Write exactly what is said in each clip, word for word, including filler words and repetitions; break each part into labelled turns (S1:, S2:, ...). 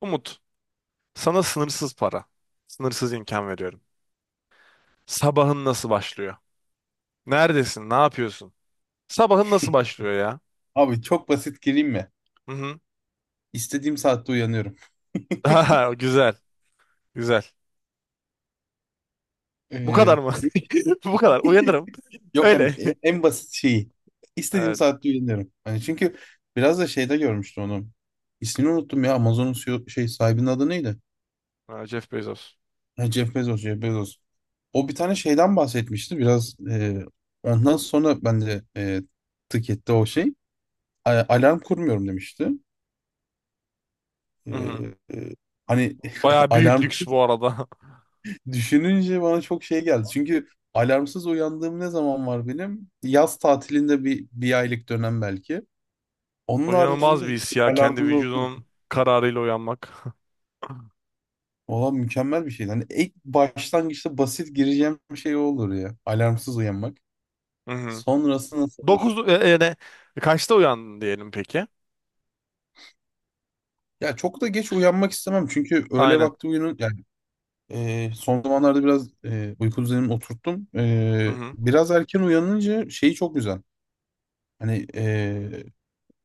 S1: Umut, sana sınırsız para, sınırsız imkan veriyorum. Sabahın nasıl başlıyor? Neredesin? Ne yapıyorsun? Sabahın nasıl başlıyor ya?
S2: Abi çok basit gireyim mi?
S1: Hı hı.
S2: İstediğim saatte uyanıyorum.
S1: Aha, güzel, güzel. Bu kadar
S2: Ee,
S1: mı? Bu kadar. Uyanırım.
S2: yok hani
S1: Öyle.
S2: e- en basit şeyi. İstediğim
S1: Evet.
S2: saatte uyanıyorum. Hani çünkü biraz da şeyde görmüştüm onu. İsmini unuttum ya. Amazon'un C E O şey sahibinin adı neydi?
S1: Ha, Jeff Bezos.
S2: Ha, Jeff Bezos, Jeff Bezos. O bir tane şeyden bahsetmişti. Biraz e, ondan sonra ben de e, tık etti o şey. A- alarm kurmuyorum demişti.
S1: Hı hı.
S2: E, e, hani
S1: Bayağı büyük
S2: alarm
S1: lüks bu arada.
S2: düşününce bana çok şey geldi. Çünkü alarmsız uyandığım ne zaman var benim? Yaz tatilinde bir, bir aylık dönem belki. Onun
S1: O İnanılmaz
S2: haricinde
S1: bir
S2: hiç
S1: his ya. Kendi
S2: alarmlı
S1: vücudunun kararıyla uyanmak.
S2: olan mükemmel bir şey. Hani ilk başlangıçta basit gireceğim bir şey olur ya. Alarmsız uyanmak.
S1: Hı hı.
S2: Sonrası nasıl olur?
S1: Dokuz, e, e, ne? Kaçta uyandın diyelim peki?
S2: Ya çok da geç uyanmak istemem. Çünkü öğle
S1: Aynen.
S2: vakti uyunun, yani e, son zamanlarda biraz e, uyku düzenimi oturttum.
S1: Hı
S2: E,
S1: hı.
S2: biraz erken uyanınca şeyi çok güzel. Hani e,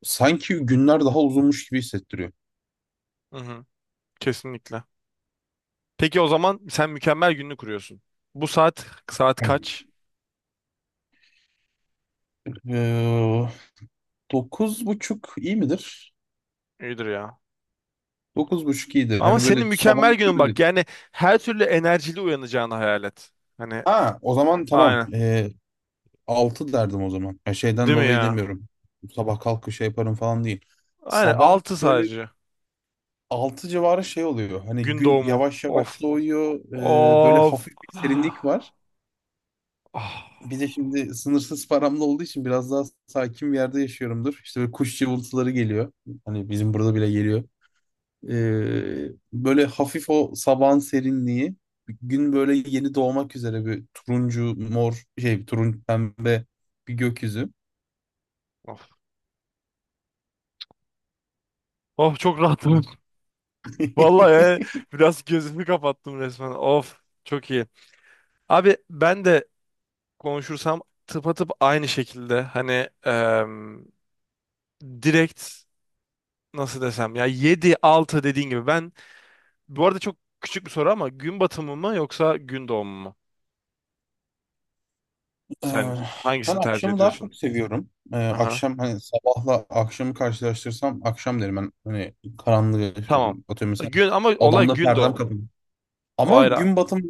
S2: sanki günler daha uzunmuş gibi hissettiriyor.
S1: Hı hı. Kesinlikle. Peki o zaman sen mükemmel gününü kuruyorsun. Bu saat saat
S2: Tamam.
S1: kaç?
S2: Ee, dokuz buçuk iyi midir?
S1: İyidir ya.
S2: Dokuz buçuk iyidir.
S1: Ama
S2: Hani böyle
S1: senin
S2: sabah
S1: mükemmel günün
S2: böyle.
S1: bak, yani her türlü enerjili uyanacağını hayal et. Hani
S2: Ha, o zaman tamam.
S1: aynen.
S2: Ee, altı derdim o zaman. Ya şeyden
S1: Değil mi
S2: dolayı
S1: ya?
S2: demiyorum. Sabah kalkıp şey yaparım falan değil.
S1: Aynen
S2: Sabah
S1: altı
S2: böyle
S1: sadece.
S2: altı civarı şey oluyor. Hani
S1: Gün
S2: gün
S1: doğumu.
S2: yavaş yavaş
S1: Of.
S2: doğuyor. Ee, böyle
S1: Of.
S2: hafif bir serinlik
S1: Ah.
S2: var.
S1: Of.
S2: Bir de şimdi sınırsız paramda olduğu için biraz daha sakin bir yerde yaşıyorumdur. İşte böyle kuş cıvıltıları geliyor. Hani bizim burada bile geliyor. Ee, böyle hafif o sabahın serinliği, gün böyle yeni doğmak üzere, bir turuncu mor şey, turuncu pembe bir gökyüzü.
S1: Of, çok rahatım.
S2: Ee,
S1: Vallahi yani biraz gözümü kapattım resmen. Of. Çok iyi. Abi ben de konuşursam tıpatıp aynı şekilde hani em, direkt, nasıl desem ya, yedi altı dediğin gibi ben bu arada çok küçük bir soru ama gün batımı mı yoksa gün doğumu mu?
S2: Ee,
S1: Sen
S2: ben
S1: hangisini tercih
S2: akşamı daha
S1: ediyorsun?
S2: çok seviyorum. Ee,
S1: Aha.
S2: akşam hani, sabahla akşamı karşılaştırsam akşam derim ben. Hani karanlığı
S1: Tamam.
S2: atıyorum mesela,
S1: Gün ama olay
S2: odamda
S1: gün
S2: perdem
S1: doğumu.
S2: kapalı.
S1: O
S2: Ama
S1: ayrı abi.
S2: gün batım,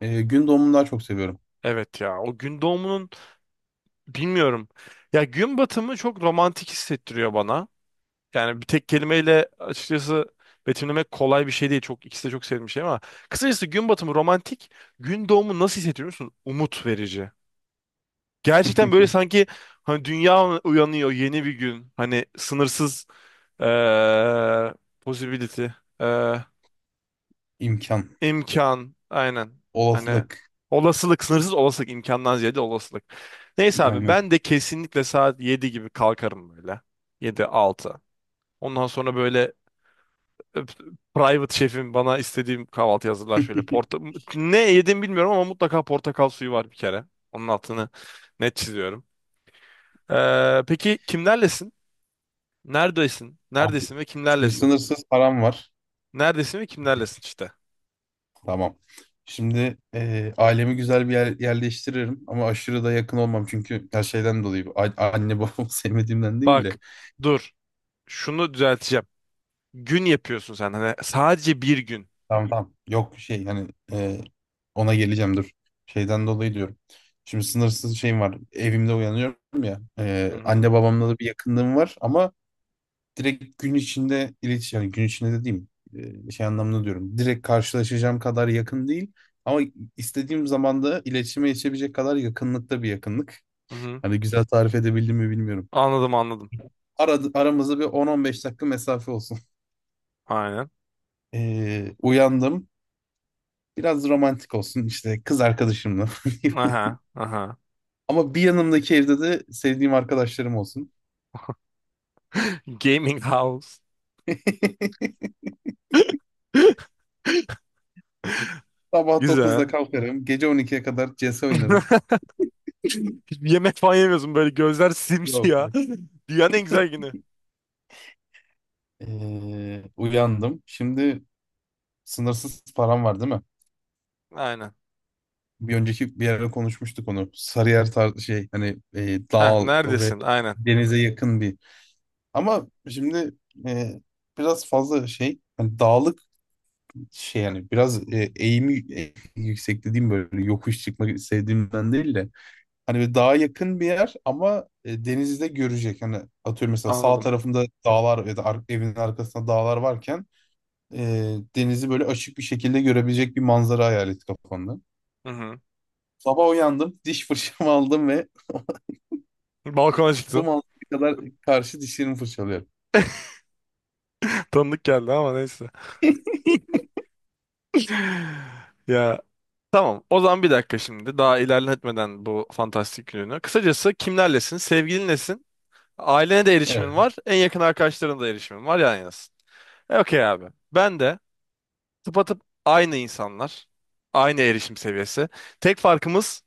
S2: e, gün doğumunu daha çok seviyorum.
S1: Evet ya, o gün doğumunun bilmiyorum. Ya gün batımı çok romantik hissettiriyor bana. Yani bir tek kelimeyle açıkçası betimlemek kolay bir şey değil. Çok, ikisi de çok sevdiğim şey ama kısacası gün batımı romantik, gün doğumu nasıl hissettiriyor musun? Umut verici. Gerçekten böyle sanki hani dünya uyanıyor, yeni bir gün. Hani sınırsız eee possibility, eee,
S2: İmkan,
S1: imkan aynen. Hani
S2: olasılık
S1: olasılık, sınırsız olasılık, imkandan ziyade olasılık. Neyse abi,
S2: aynen.
S1: ben de kesinlikle saat yedi gibi kalkarım böyle. Yedi altı. Ondan sonra böyle öp- private şefim bana istediğim kahvaltı hazırlar şöyle. Porta ne yedim bilmiyorum ama mutlaka portakal suyu var bir kere. Onun altını net çiziyorum. Ee, peki kimlerlesin? Neredesin?
S2: Abi,
S1: Neredesin ve
S2: şimdi
S1: kimlerlesin?
S2: sınırsız param var.
S1: Neredesin ve kimlerlesin işte.
S2: Tamam. Şimdi eee, ailemi güzel bir yer, yerleştiririm, ama aşırı da yakın olmam, çünkü her şeyden dolayı A- anne babamı sevmediğimden değil
S1: Bak,
S2: de,
S1: dur. Şunu düzelteceğim. Gün yapıyorsun sen. Hani sadece bir gün.
S2: tamam tamam, yok şey hani, eee, ona geleceğim, dur, şeyden dolayı diyorum. Şimdi sınırsız şeyim var, evimde uyanıyorum ya.
S1: Hı
S2: Eee,
S1: hı.
S2: anne babamla da bir yakınlığım var, ama direkt gün içinde iletişim, yani gün içinde dediğim, eee, şey anlamında diyorum, direkt karşılaşacağım kadar yakın değil, ama istediğim zamanda iletişime geçebilecek kadar yakınlıkta bir yakınlık.
S1: Hı hı.
S2: Hani güzel tarif edebildim mi bilmiyorum.
S1: Anladım, anladım.
S2: Aradı, aramızda bir on on beş dakika mesafe olsun.
S1: Aynen.
S2: Ee, uyandım. Biraz romantik olsun işte, kız arkadaşımla.
S1: Aha. Aha.
S2: Ama bir yanımdaki evde de sevdiğim arkadaşlarım olsun.
S1: Gaming house.
S2: Sabah
S1: Güzel.
S2: dokuzda kalkarım. Gece on ikiye kadar C S oynarım.
S1: Yemek falan yemiyorsun, böyle gözler
S2: Yok,
S1: simsiyah.
S2: yok.
S1: Dünyanın en güzel günü.
S2: Ee, uyandım. Şimdi sınırsız param var, değil mi?
S1: Aynen.
S2: Bir önceki bir yerde konuşmuştuk onu. Sarıyer tar şey, hani e,
S1: Heh,
S2: dağ ve
S1: neredesin? Aynen.
S2: denize yakın bir. Ama şimdi e, biraz fazla şey, hani dağlık şey, yani biraz e, eğimi e, yüksek dediğim, böyle yokuş çıkmak sevdiğimden değil de, hani böyle dağa yakın bir yer, ama e, denizi de görecek. Hani atıyorum, mesela sağ
S1: Anladım.
S2: tarafında dağlar, ya da ar- evin arkasında dağlar varken e, denizi böyle açık bir şekilde görebilecek bir manzara hayal et kafanda.
S1: Hı hı.
S2: Sabah uyandım, diş fırçamı aldım ve
S1: Balkona
S2: bu
S1: çıktın.
S2: manzara kadar karşı dişlerimi fırçalıyorum.
S1: Tanıdık geldi ama neyse. Ya, tamam. O zaman bir dakika şimdi. Daha ilerletmeden bu fantastik gününü. Kısacası kimlerlesin? Sevgilinlesin. Ailene de
S2: Evet.
S1: erişimin var. En yakın arkadaşlarına da erişimin var. Yan yanasın. E, okey abi. Ben de tıpatıp aynı insanlar. Aynı erişim seviyesi. Tek farkımız,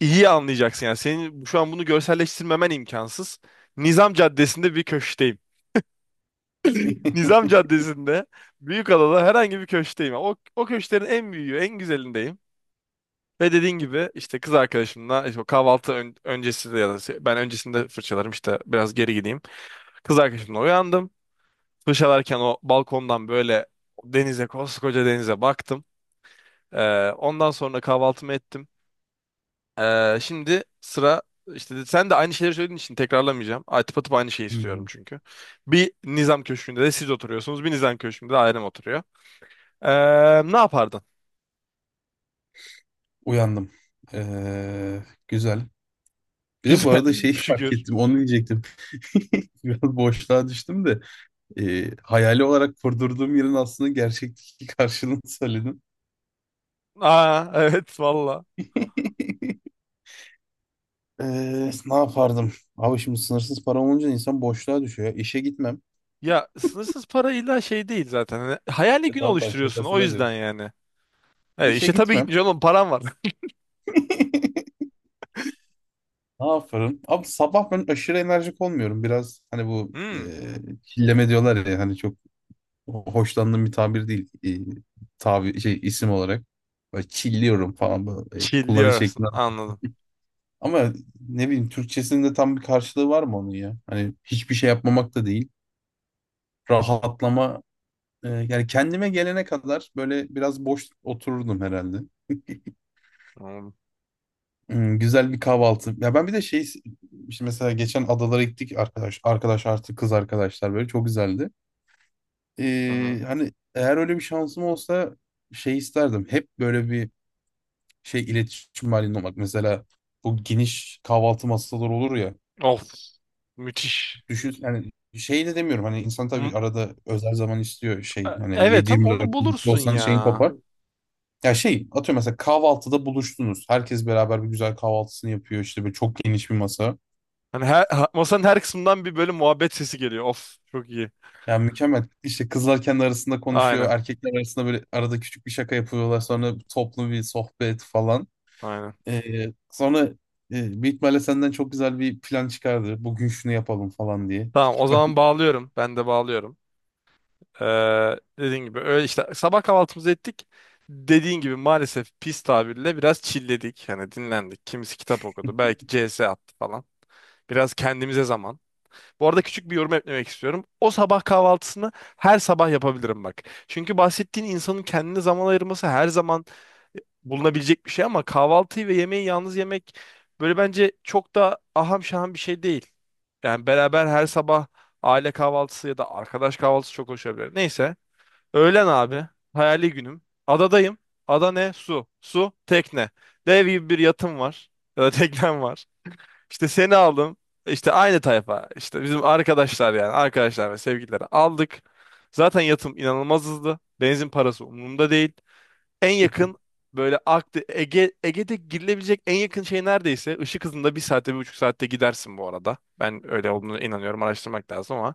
S1: iyi anlayacaksın. Yani senin şu an bunu görselleştirmemen imkansız. Nizam Caddesi'nde bir köşkteyim. Nizam Caddesi'nde, Büyükada'da herhangi bir köşkteyim. O, o köşklerin en büyüğü, en güzelindeyim. Ve dediğin gibi işte kız arkadaşımla, işte o kahvaltı ön- öncesi de, ya da se- ben öncesinde fırçalarım, işte biraz geri gideyim. Kız arkadaşımla uyandım. Fırçalarken o balkondan böyle denize koskoca denize baktım. Ee, ondan sonra kahvaltımı ettim. Ee, şimdi sıra, işte de- sen de aynı şeyleri söylediğin için tekrarlamayacağım. Atıp atıp aynı şeyi istiyorum çünkü. Bir Nizam Köşkü'nde de siz oturuyorsunuz. Bir Nizam Köşkü'nde de ailem oturuyor. Ee, Ne yapardın?
S2: Uyandım. Ee, güzel. Bir de bu arada
S1: Güzel.
S2: şeyi fark
S1: Şükür.
S2: ettim. Onu diyecektim. Biraz boşluğa düştüm de, ee, hayali olarak kurdurduğum yerin aslında gerçekteki karşılığını söyledim.
S1: Aa evet valla.
S2: Ee, ne yapardım? Abi şimdi sınırsız param olunca insan boşluğa düşüyor ya. İşe gitmem.
S1: Ya, sınırsız para illa şey değil zaten. Hani hayali
S2: E
S1: gün
S2: tamam tamam,
S1: oluşturuyorsun o
S2: şakasına
S1: yüzden
S2: diyorum.
S1: yani. İşte
S2: İşe
S1: işte tabii,
S2: gitmem.
S1: gitmiş oğlum, param var.
S2: Ne yaparım? Abi sabah ben aşırı enerjik olmuyorum. Biraz hani bu e,
S1: Hmm.
S2: çilleme diyorlar ya, hani çok hoşlandığım bir tabir değil. E, tabi şey, isim olarak. Böyle çilliyorum falan, böyle e, kullanış
S1: Chilliyorsun.
S2: şeklinden.
S1: Anladım.
S2: Ama ne bileyim, Türkçesinde tam bir karşılığı var mı onun ya? Hani hiçbir şey yapmamak da değil. Rahatlama, e, yani kendime gelene kadar böyle biraz boş otururdum herhalde.
S1: Anladım.
S2: Hmm, güzel bir kahvaltı. Ya ben bir de şey, işte mesela geçen adalara gittik, arkadaş arkadaş artı kız arkadaşlar, böyle çok güzeldi.
S1: Hı-hı.
S2: Ee, hani eğer öyle bir şansım olsa şey isterdim. Hep böyle bir şey, iletişim halinde olmak. Mesela bu geniş kahvaltı masaları olur ya.
S1: Of. Müthiş.
S2: Düşün, yani şey de demiyorum, hani insan tabii
S1: M-
S2: arada özel zaman istiyor, şey
S1: e-
S2: hani
S1: Evet ama onu
S2: yedi yirmi dört birlikte
S1: bulursun
S2: olsanız şeyin
S1: ya.
S2: kopar. Ya şey, atıyorum mesela, kahvaltıda buluştunuz. Herkes beraber bir güzel kahvaltısını yapıyor, işte böyle çok geniş bir masa.
S1: Hani her, ha- masanın her kısmından bir böyle muhabbet sesi geliyor. Of, çok iyi.
S2: Yani mükemmel. İşte kızlar kendi arasında konuşuyor.
S1: Aynen.
S2: Erkekler arasında böyle arada küçük bir şaka yapıyorlar. Sonra toplu bir sohbet falan.
S1: Aynen.
S2: Ee, sonra e, büyük ihtimalle senden çok güzel bir plan çıkardı. Bugün şunu yapalım falan diye.
S1: Tamam,
S2: Çünkü
S1: o
S2: ben
S1: zaman bağlıyorum. Ben de bağlıyorum. Ee, Dediğin gibi öyle işte, sabah kahvaltımızı ettik. Dediğin gibi maalesef pis tabirle biraz çilledik. Hani dinlendik. Kimisi kitap okudu. Belki C S attı falan. Biraz kendimize zaman. Bu arada küçük bir yorum eklemek istiyorum. O sabah kahvaltısını her sabah yapabilirim bak. Çünkü bahsettiğin insanın kendine zaman ayırması her zaman e, bulunabilecek bir şey ama kahvaltıyı ve yemeği yalnız yemek böyle, bence çok da aham şaham bir şey değil. Yani beraber her sabah aile kahvaltısı ya da arkadaş kahvaltısı çok hoş olabilir. Neyse. Öğlen abi. Hayali günüm. Adadayım. Ada ne? Su. Su, tekne. Dev gibi bir yatım var. Ya da teknem var. İşte seni aldım. İşte aynı tayfa. İşte bizim arkadaşlar yani. Arkadaşlar ve sevgilileri aldık. Zaten yatım inanılmaz hızlı. Benzin parası umurumda değil. En yakın böyle Akde Ege, Ege'de girilebilecek en yakın şey, neredeyse ışık hızında, bir saatte, bir buçuk saatte gidersin bu arada. Ben öyle olduğunu inanıyorum, araştırmak lazım ama.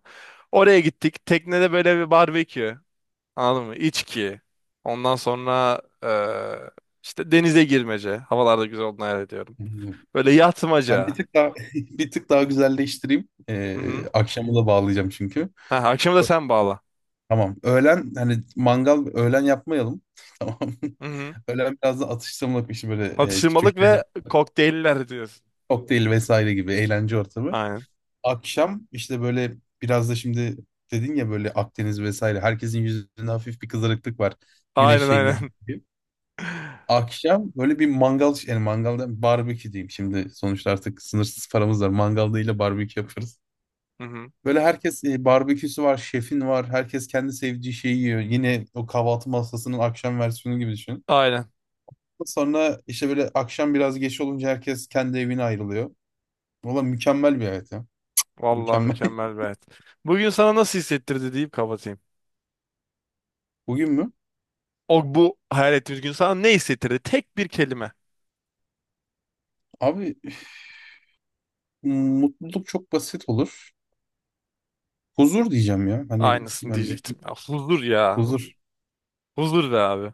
S1: Oraya gittik. Teknede böyle bir barbekü. Anladın mı? İçki. Ondan sonra eee, işte denize girmece. Havalarda güzel olduğunu hayal ediyorum.
S2: bilmiyorum.
S1: Böyle
S2: Ben bir
S1: yatmaca.
S2: tık daha, bir tık daha güzelleştireyim. Ee,
S1: Hı-hı.
S2: akşamı da bağlayacağım çünkü.
S1: Ha, akşamı da sen bağla.
S2: Tamam. Öğlen hani mangal, öğlen yapmayalım. Tamam.
S1: Hı-hı.
S2: Öğlen biraz da atıştırmalık bir şey, böyle e,
S1: Atıştırmalık
S2: küçük şeyler.
S1: ve kokteyller diyorsun.
S2: Kokteyl vesaire gibi eğlence ortamı.
S1: Aynen.
S2: Akşam işte böyle, biraz da şimdi dedin ya, böyle Akdeniz vesaire. Herkesin yüzünde hafif bir kızarıklık var. Güneş
S1: Aynen,
S2: şeyinden
S1: aynen.
S2: dolayı. Akşam böyle bir mangal, yani mangalda barbekü diyeyim şimdi. Sonuçta artık sınırsız paramız var. Mangal değil de barbekü yaparız.
S1: Hı-hı.
S2: Böyle herkes e, barbeküsü var, şefin var. Herkes kendi sevdiği şeyi yiyor. Yine o kahvaltı masasının akşam versiyonu gibi düşün.
S1: Aynen.
S2: Sonra işte böyle akşam biraz geç olunca herkes kendi evine ayrılıyor. Valla mükemmel bir hayat ya.
S1: Vallahi
S2: Mükemmel.
S1: mükemmel bir hayat. Bugün sana nasıl hissettirdi deyip kapatayım.
S2: Bugün mü?
S1: O, bu hayal ettiğimiz gün sana ne hissettirdi? Tek bir kelime.
S2: Abi, mutluluk çok basit olur. Huzur diyeceğim ya. Hani
S1: Aynısını
S2: yani
S1: diyecektim. Ya, huzur ya.
S2: huzur.
S1: Huzur be abi.